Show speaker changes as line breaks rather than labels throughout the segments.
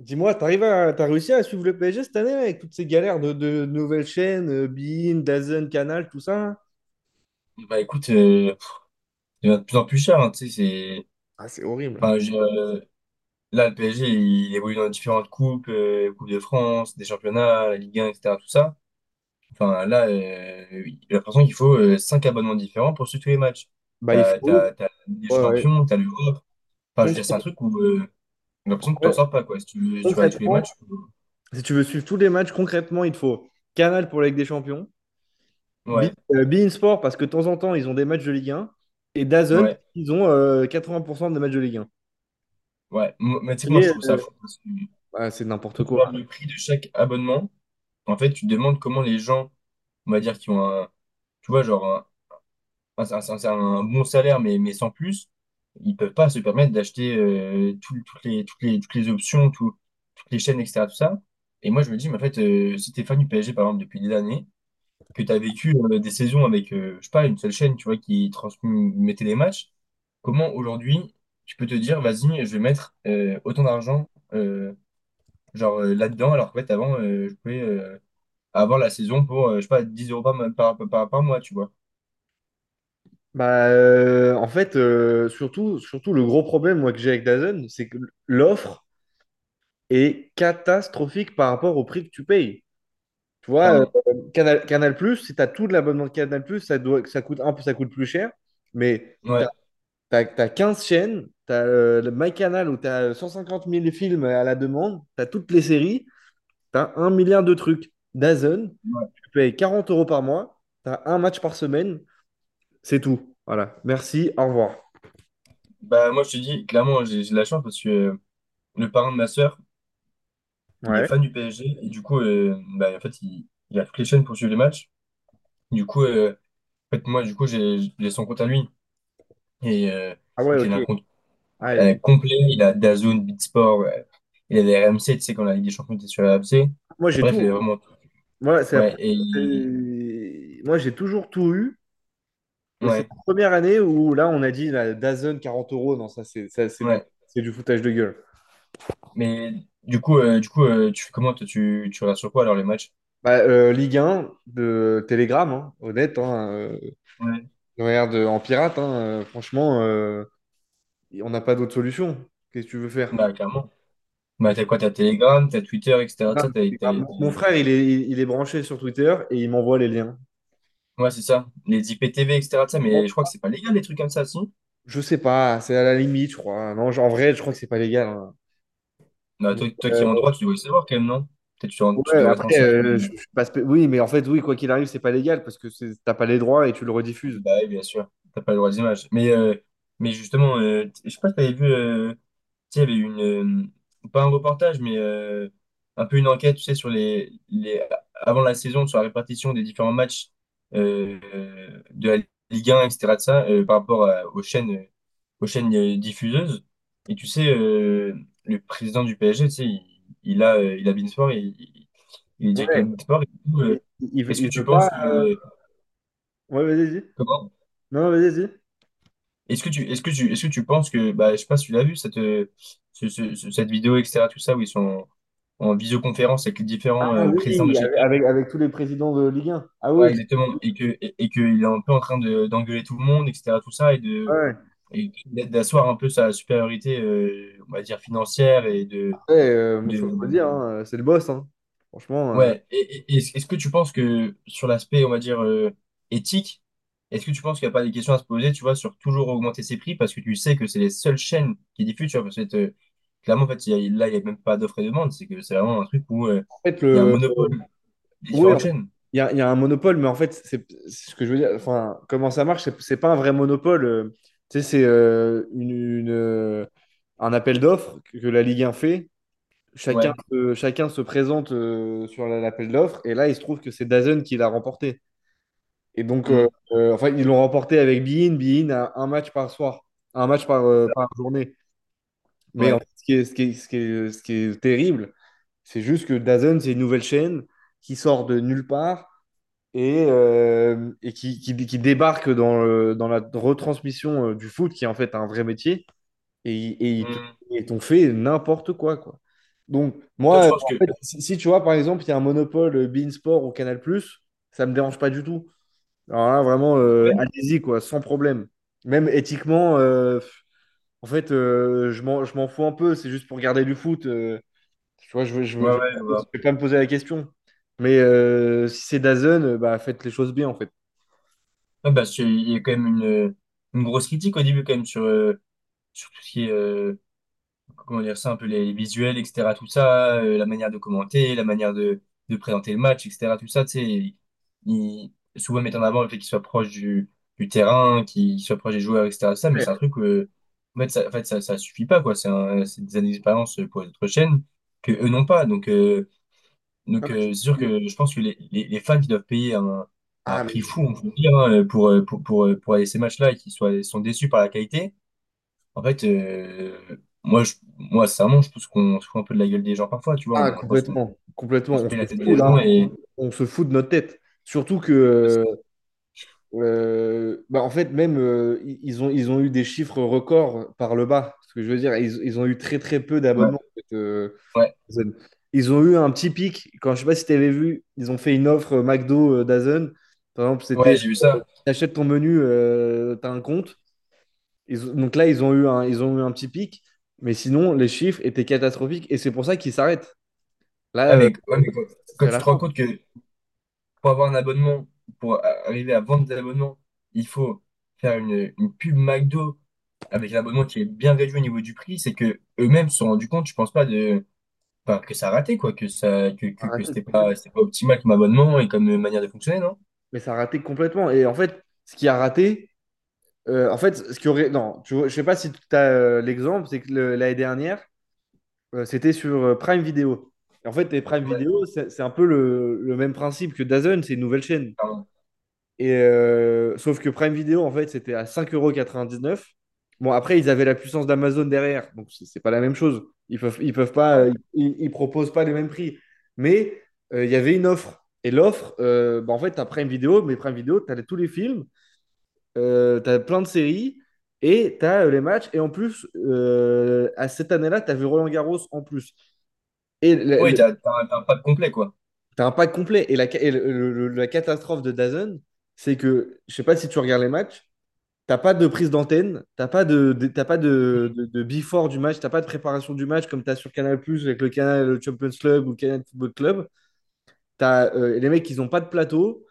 Dis-moi, t'as réussi à suivre le PSG cette année avec toutes ces galères de nouvelles chaînes, beIN, DAZN, Canal, tout ça? Hein?
Bah écoute, il devient de plus en plus cher, hein, tu sais, c'est...
Ah, c'est horrible.
Enfin, là, le PSG, il évolue dans différentes coupes, Coupe de France, des championnats, la Ligue 1, etc., tout ça. Enfin, là, oui, j'ai l'impression qu'il faut cinq abonnements différents pour suivre tous les matchs.
Bah, il
T'as,
faut.
t'as, t'as la Ligue des
Ouais, ouais.
champions, t'as l'Europe. Enfin, je veux dire, c'est un
Concrètement,
truc où j'ai l'impression que tu
ouais,
t'en sors pas, quoi. Si tu veux, si tu vas aller tous les
concrètement,
matchs,
si tu veux suivre tous les matchs, concrètement, il te faut Canal pour la Ligue des Champions, Be-
ouais,
beIN Sport parce que de temps en temps, ils ont des matchs de Ligue 1, et DAZN,
ouais,
ils ont 80% des matchs de Ligue 1.
ouais. Mais tu sais que moi,
Et,
je trouve ça fou.
bah, c'est n'importe
Quand tu
quoi.
regardes le prix de chaque abonnement, en fait, tu te demandes comment les gens, on va dire, qui ont un, tu vois, genre un, un bon salaire, mais sans plus, ils peuvent pas se permettre d'acheter toutes les options, toutes les chaînes, etc. Tout ça. Et moi, je me dis, mais en fait, si t'es fan du PSG, par exemple, depuis des années, que tu as vécu des saisons avec, je sais pas, une seule chaîne, tu vois, qui transmettait les matchs, comment aujourd'hui tu peux te dire, vas-y, je vais mettre autant d'argent. euh, genre là-dedans, alors qu'en fait, avant, je pouvais avoir la saison pour, je sais pas, 10 euros par mois, tu vois,
Bah, en fait, surtout, le gros problème moi, que j'ai avec DAZN, c'est que l'offre est catastrophique par rapport au prix que tu payes. Tu vois,
clairement.
Canal+, si tu as tout de l'abonnement de Canal+, ça coûte un peu, ça coûte plus cher, mais tu
Ouais,
as 15 chaînes, tu as MyCanal où tu as 150 000 films à la demande, tu as toutes les séries, tu as un milliard de trucs. DAZN,
ouais.
tu payes 40 € par mois, tu as un match par semaine, c'est tout. Voilà, merci, au revoir.
Bah, moi, je te dis, clairement, j'ai de la chance parce que le parrain de ma sœur, il est
Ouais.
fan du PSG et du coup, bah, en fait, il a toutes les chaînes pour suivre les matchs. Du coup, en fait, moi, du coup, j'ai son compte à lui et en
Ah ouais,
fait, il a
ok.
un compte
Ah, ok.
complet, il a DAZN, Beatsport, il a les RMC, tu sais, quand la Ligue des Champions était sur la RMC.
Moi, j'ai
Bref, il a
tout.
vraiment tout.
Moi, c'est la
Ouais,
première- c'est- Moi, j'ai toujours tout eu. Et c'est
ouais.
la première année où là, on a dit la DAZN 40 euros. Non, ça, c'est ça,
Ouais,
c'est du foutage de gueule.
mais du coup, tu fais comment toi, tu regardes sur quoi alors les matchs?
Bah, Ligue 1, de Telegram, hein, honnête, hein,
Ouais.
regarde en pirate, hein, franchement, on n'a pas d'autre solution. Qu'est-ce que tu veux faire?
Bah clairement. Bah
Je-
t'as quoi? T'as Telegram, t'as Twitter, etc.
Ah, Telegram. Mon frère, il est branché sur Twitter et il m'envoie les liens.
Ouais, c'est ça. Les IPTV, etc. ça, mais je crois que c'est pas légal les trucs comme ça, si.
Je sais pas, c'est à la limite, je crois. Non, en vrai, je crois que c'est pas légal. Hein.
Bah
Mais,
toi, toi
euh,
qui es en droit, tu devrais savoir quand même, non? Peut-être tu
ouais,
devrais te
après,
renseigner.
je suis pas spé- oui, mais en fait, oui, quoi qu'il arrive, c'est pas légal parce que t'as pas les droits et tu le rediffuses.
Bah oui, bien sûr, t'as pas le droit des images. Mais justement, je sais pas si t'avais vu, tu sais, il y avait une, pas un reportage, mais un peu une enquête, tu sais, sur avant la saison, sur la répartition des différents matchs de la Ligue 1, etc. de ça, par rapport à- aux chaînes diffuseuses. Et tu sais, le président du PSG, tu sais, il a beIN Sport, il est directeur
Ouais,
de beIN Sport. Et du coup,
il, il,
est-ce que
il
tu
veut pas.
penses que,
Ouais, vas-y, vas-y.
comment.
Non, non, vas-y, vas-y.
Est-ce que tu, est-ce que tu, est-ce que tu penses que, bah, je sais pas si tu l'as vu, cette, ce- ce- ce- cette vidéo, etc., tout ça, où ils sont en visioconférence avec les différents
Ah
présidents de
oui,
chaque équipe.
avec tous les présidents de Ligue 1. Ah oui,
Ouais, exactement. Et qu'il est un peu en train de, d'engueuler tout le monde, etc., tout ça,
ouais.
et d'asseoir un peu sa supériorité, on va dire, financière
Ouais, moi, faut le
de,
redire, hein, c'est le boss. Hein. Franchement,
Ouais, est-ce que tu penses que sur l'aspect, on va dire, éthique, est-ce que tu penses qu'il n'y a pas des questions à se poser, tu vois, sur toujours augmenter ses prix parce que tu sais que c'est les seules chaînes qui diffusent, tu vois, parce que clairement, en fait, là, il n'y a même pas d'offre et demande, c'est que c'est vraiment un truc où
en fait,
il y a un
le...
monopole des
Oui, en
différentes
fait,
chaînes.
il y a un monopole, mais en fait, c'est ce que je veux dire. Enfin, comment ça marche, c'est pas un vrai monopole. Tu sais, c'est un appel d'offres que la Ligue 1 fait.
Ouais,
Chacun se présente sur l'appel d'offres, et là, il se trouve que c'est DAZN qui l'a remporté. Et donc,
hmm,
enfin, ils l'ont remporté avec Bein. Bein a un match par soir, un match
c'est ça.
par journée. Mais en fait,
Ouais.
ce qui est terrible, c'est juste que DAZN, c'est une nouvelle chaîne qui sort de nulle part et qui débarque dans la retransmission du foot, qui est en fait un vrai métier, et
Hmm.
ils t'ont fait n'importe quoi, quoi. Donc,
Toi, tu
moi,
penses
en
que...
fait, si tu vois, par exemple, il y a un monopole beIN Sport ou Canal+, ça me dérange pas du tout. Alors là, vraiment,
Ouais,
allez-y, quoi, sans problème. Même éthiquement, pff, en fait, je m'en fous un peu, c'est juste pour garder du foot. Tu vois, je ne je,
ouais,
je
ouais, je vois.
vais pas me poser la question. Mais si c'est DAZN, bah, faites les choses bien, en fait.
Ouais, parce qu'il y a quand même une grosse critique au début, quand même, sur tout ce qui est... comment dire ça, un peu les visuels, etc., tout ça, la manière de commenter, la manière de présenter le match, etc., tout ça, tu sais, il- souvent mettre en avant le fait qu'il soit proche du terrain, qu'il soit proche des joueurs, etc., tout ça, mais
Ouais.
c'est un truc, en fait, ça suffit pas, quoi, c'est des années d'expérience pour les autres chaînes que eux n'ont pas, donc,
Non, mais
c'est sûr
c'est-
que je pense que les fans qui doivent payer un
Ah,
prix
mais-
fou, on peut le dire, hein, pour aller à ces matchs-là et qui sont déçus par la qualité, en fait, moi, sincèrement, je pense qu'on se fout un peu de la gueule des gens parfois, tu vois.
ah,
Je pense qu'on
complètement,
on
complètement.
se
On se
paye la tête des
fout là,
gens et.
on se fout de notre tête. Surtout que, bah, en fait, même ils ont eu des chiffres records par le bas. Ce que je veux dire, ils ont eu très très peu
Ouais,
d'abonnements, en fait.
ouais,
Dazen. Ils ont eu un petit pic. Quand je sais pas si tu avais vu, ils ont fait une offre McDo Dazen. Par exemple,
ouais,
c'était
j'ai vu ça.
t'achètes ton menu, t'as un compte. Donc là, ils ont eu un petit pic. Mais sinon, les chiffres étaient catastrophiques et c'est pour ça qu'ils s'arrêtent. Là,
Ah, mais, ouais, mais quand
c'est
tu
la
te rends
fin.
compte que pour avoir un abonnement, pour arriver à vendre des abonnements, il faut faire une pub McDo avec un abonnement qui est bien réduit au niveau du prix, c'est que eux-mêmes se sont rendus compte, je pense pas, de, enfin, que ça a raté, quoi, que ça,
Ça a
que
raté
c'était
complètement.
pas, c'était pas optimal comme abonnement et comme manière de fonctionner, non?
Mais ça a raté complètement. Et en fait, ce qui a raté, en fait, ce qui aurait. Non, tu vois, je sais pas si tu as l'exemple, c'est que l'année dernière, c'était sur Prime Video. Et en fait, et Prime
Ouais,
Video, c'est un peu le même principe que DAZN, c'est une nouvelle chaîne.
t'as un-
Et sauf que Prime Video, en fait, c'était à 5,99€. Bon, après, ils avaient la puissance d'Amazon derrière, donc c'est pas la même chose. Ils peuvent pas,
ouais.
ils proposent pas les mêmes prix. Mais il y avait une offre. Et l'offre, bah, en fait, tu as Prime Video, mais Prime Video, tu as tous les films, tu as plein de séries et tu as les matchs. Et en plus, à cette année-là, tu avais Roland Garros en plus. Et le-
Ouais,
le-
t'as un pack complet, quoi.
T'as un pack complet. Et la, ca- et le- la catastrophe de DAZN, c'est que, je sais pas si tu regardes les matchs, t'as pas de prise d'antenne, t'as pas de before du match, t'as pas de préparation du match comme t'as sur Canal+, Plus avec le canal le Champions Club ou le Canal Football Club. Les mecs, ils ont pas de plateau.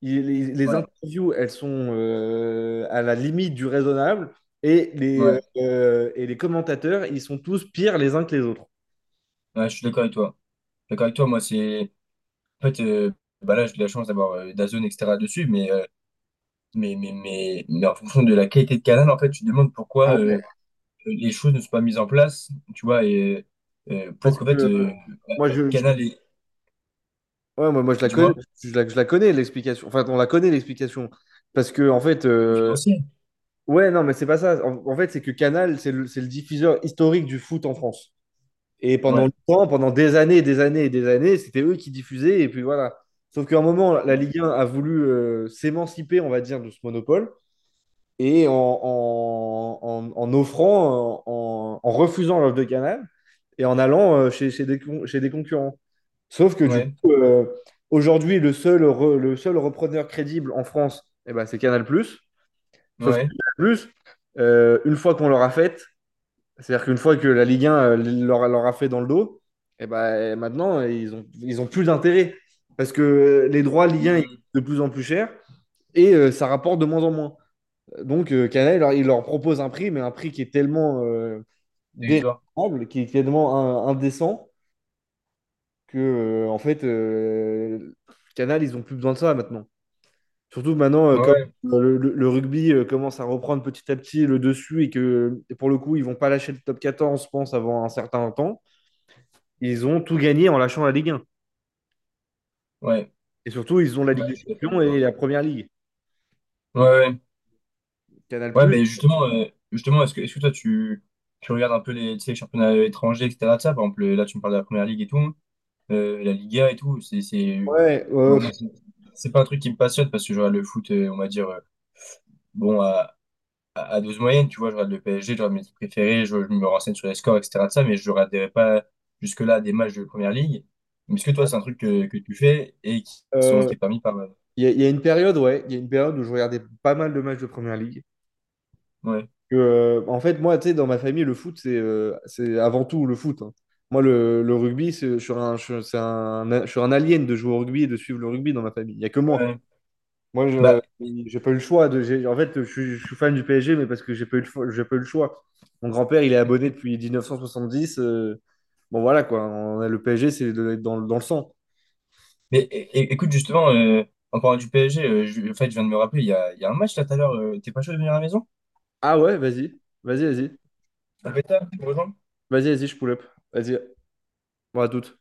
Les
Ouais,
interviews, elles sont à la limite du raisonnable. Et les, euh,
ouais,
euh, et les commentateurs, ils sont tous pires les uns que les autres.
ouais, je suis d'accord avec toi. Je suis d'accord avec toi, moi, c'est. En fait, bah là, j'ai de la chance d'avoir DAZN, etc. dessus, mais en fonction de la qualité de canal, en fait, tu te demandes
Ah
pourquoi
ouais.
les choses ne sont pas mises en place, tu vois, et pour
Parce
qu'en
que
fait,
moi, je,
Canal est,
Ouais, moi je la connais,
dis-moi,
je la connais l'explication. Enfin, on la connaît l'explication. Parce que, en fait,
financier.
ouais, non, mais c'est pas ça. En fait, c'est que Canal, c'est c'est le diffuseur historique du foot en France. Et pendant
Ouais,
longtemps, pendant des années, et des années et des années, c'était eux qui diffusaient. Et puis voilà. Sauf qu'à un moment, la Ligue 1 a voulu s'émanciper, on va dire, de ce monopole. Et en offrant, en refusant l'offre de Canal et en allant chez des concurrents. Sauf que du
ouais,
coup, aujourd'hui, le seul repreneur crédible en France, eh ben, c'est Canal+. Sauf que
ouais.
Canal+, une fois qu'on leur a fait, c'est-à-dire qu'une fois que la Ligue 1 leur a fait dans le dos, eh ben, maintenant, ils ont plus d'intérêt. Parce que les droits Ligue 1 ils coûtent
Mmh,
de plus en plus cher et ça rapporte de moins en moins. Donc, Canal, il leur propose un prix, mais un prix qui est tellement
dérisoire.
déraisonnable, qui est tellement indécent, que en fait Canal ils ont plus besoin de ça maintenant. Surtout maintenant
Ouais,
comme
ouais,
le rugby commence à reprendre petit à petit le dessus et que pour le coup ils vont pas lâcher le Top 14 je pense avant un certain temps. Ils ont tout gagné en lâchant la Ligue 1
ouais,
et surtout ils ont la
ouais,
Ligue
je
des
suis d'accord
Champions
avec
et
toi.
la Première Ligue.
Ouais,
Donc
ouais.
Canal+.
Ouais, ben justement, est-ce que toi, tu regardes un peu les, tu sais, les championnats étrangers, etc. de ça, par exemple, là, tu me parles de la Première Ligue et tout, la Liga et tout,
Ouais,
bon, moi, c'est pas un truc qui me passionne parce que je regarde le foot, on va dire, bon, à à dose moyenne, tu vois, je regarde le PSG, je regarde mes équipes préférées, je me renseigne sur les scores, etc. de ça, mais je regarderai pas jusque-là des matchs de Première Ligue. Mais est-ce que toi, c'est un truc que tu fais et qui sont,
euh,
qui est permis par,
il y a une période, ouais, il y a une période où je regardais pas mal de matchs de Première Ligue.
ouais,
Que, en fait, moi, tu sais, dans ma famille, le foot, c'est avant tout le foot. Hein. Moi, le rugby, je suis un alien de jouer au rugby et de suivre le rugby dans ma famille. Il n'y a que moi.
ouais.
Moi, je
Bah,
j'ai pas eu le choix. En fait, je suis fan du PSG, mais parce que j'ai pas eu le choix. Mon grand-père, il est abonné depuis 1970. Bon, voilà, quoi. Le PSG, c'est dans le sang.
mais écoute, justement, en parlant du PSG, en fait, je viens de me rappeler, il y a un match là tout à l'heure. T'es pas chaud de venir à la maison?
Ah ouais, vas-y. Vas-y, vas-y.
Ça peut être tard, tu me rejoins?
Vas-y, vas-y, je pull up. Vas-y. Bon, à toutes.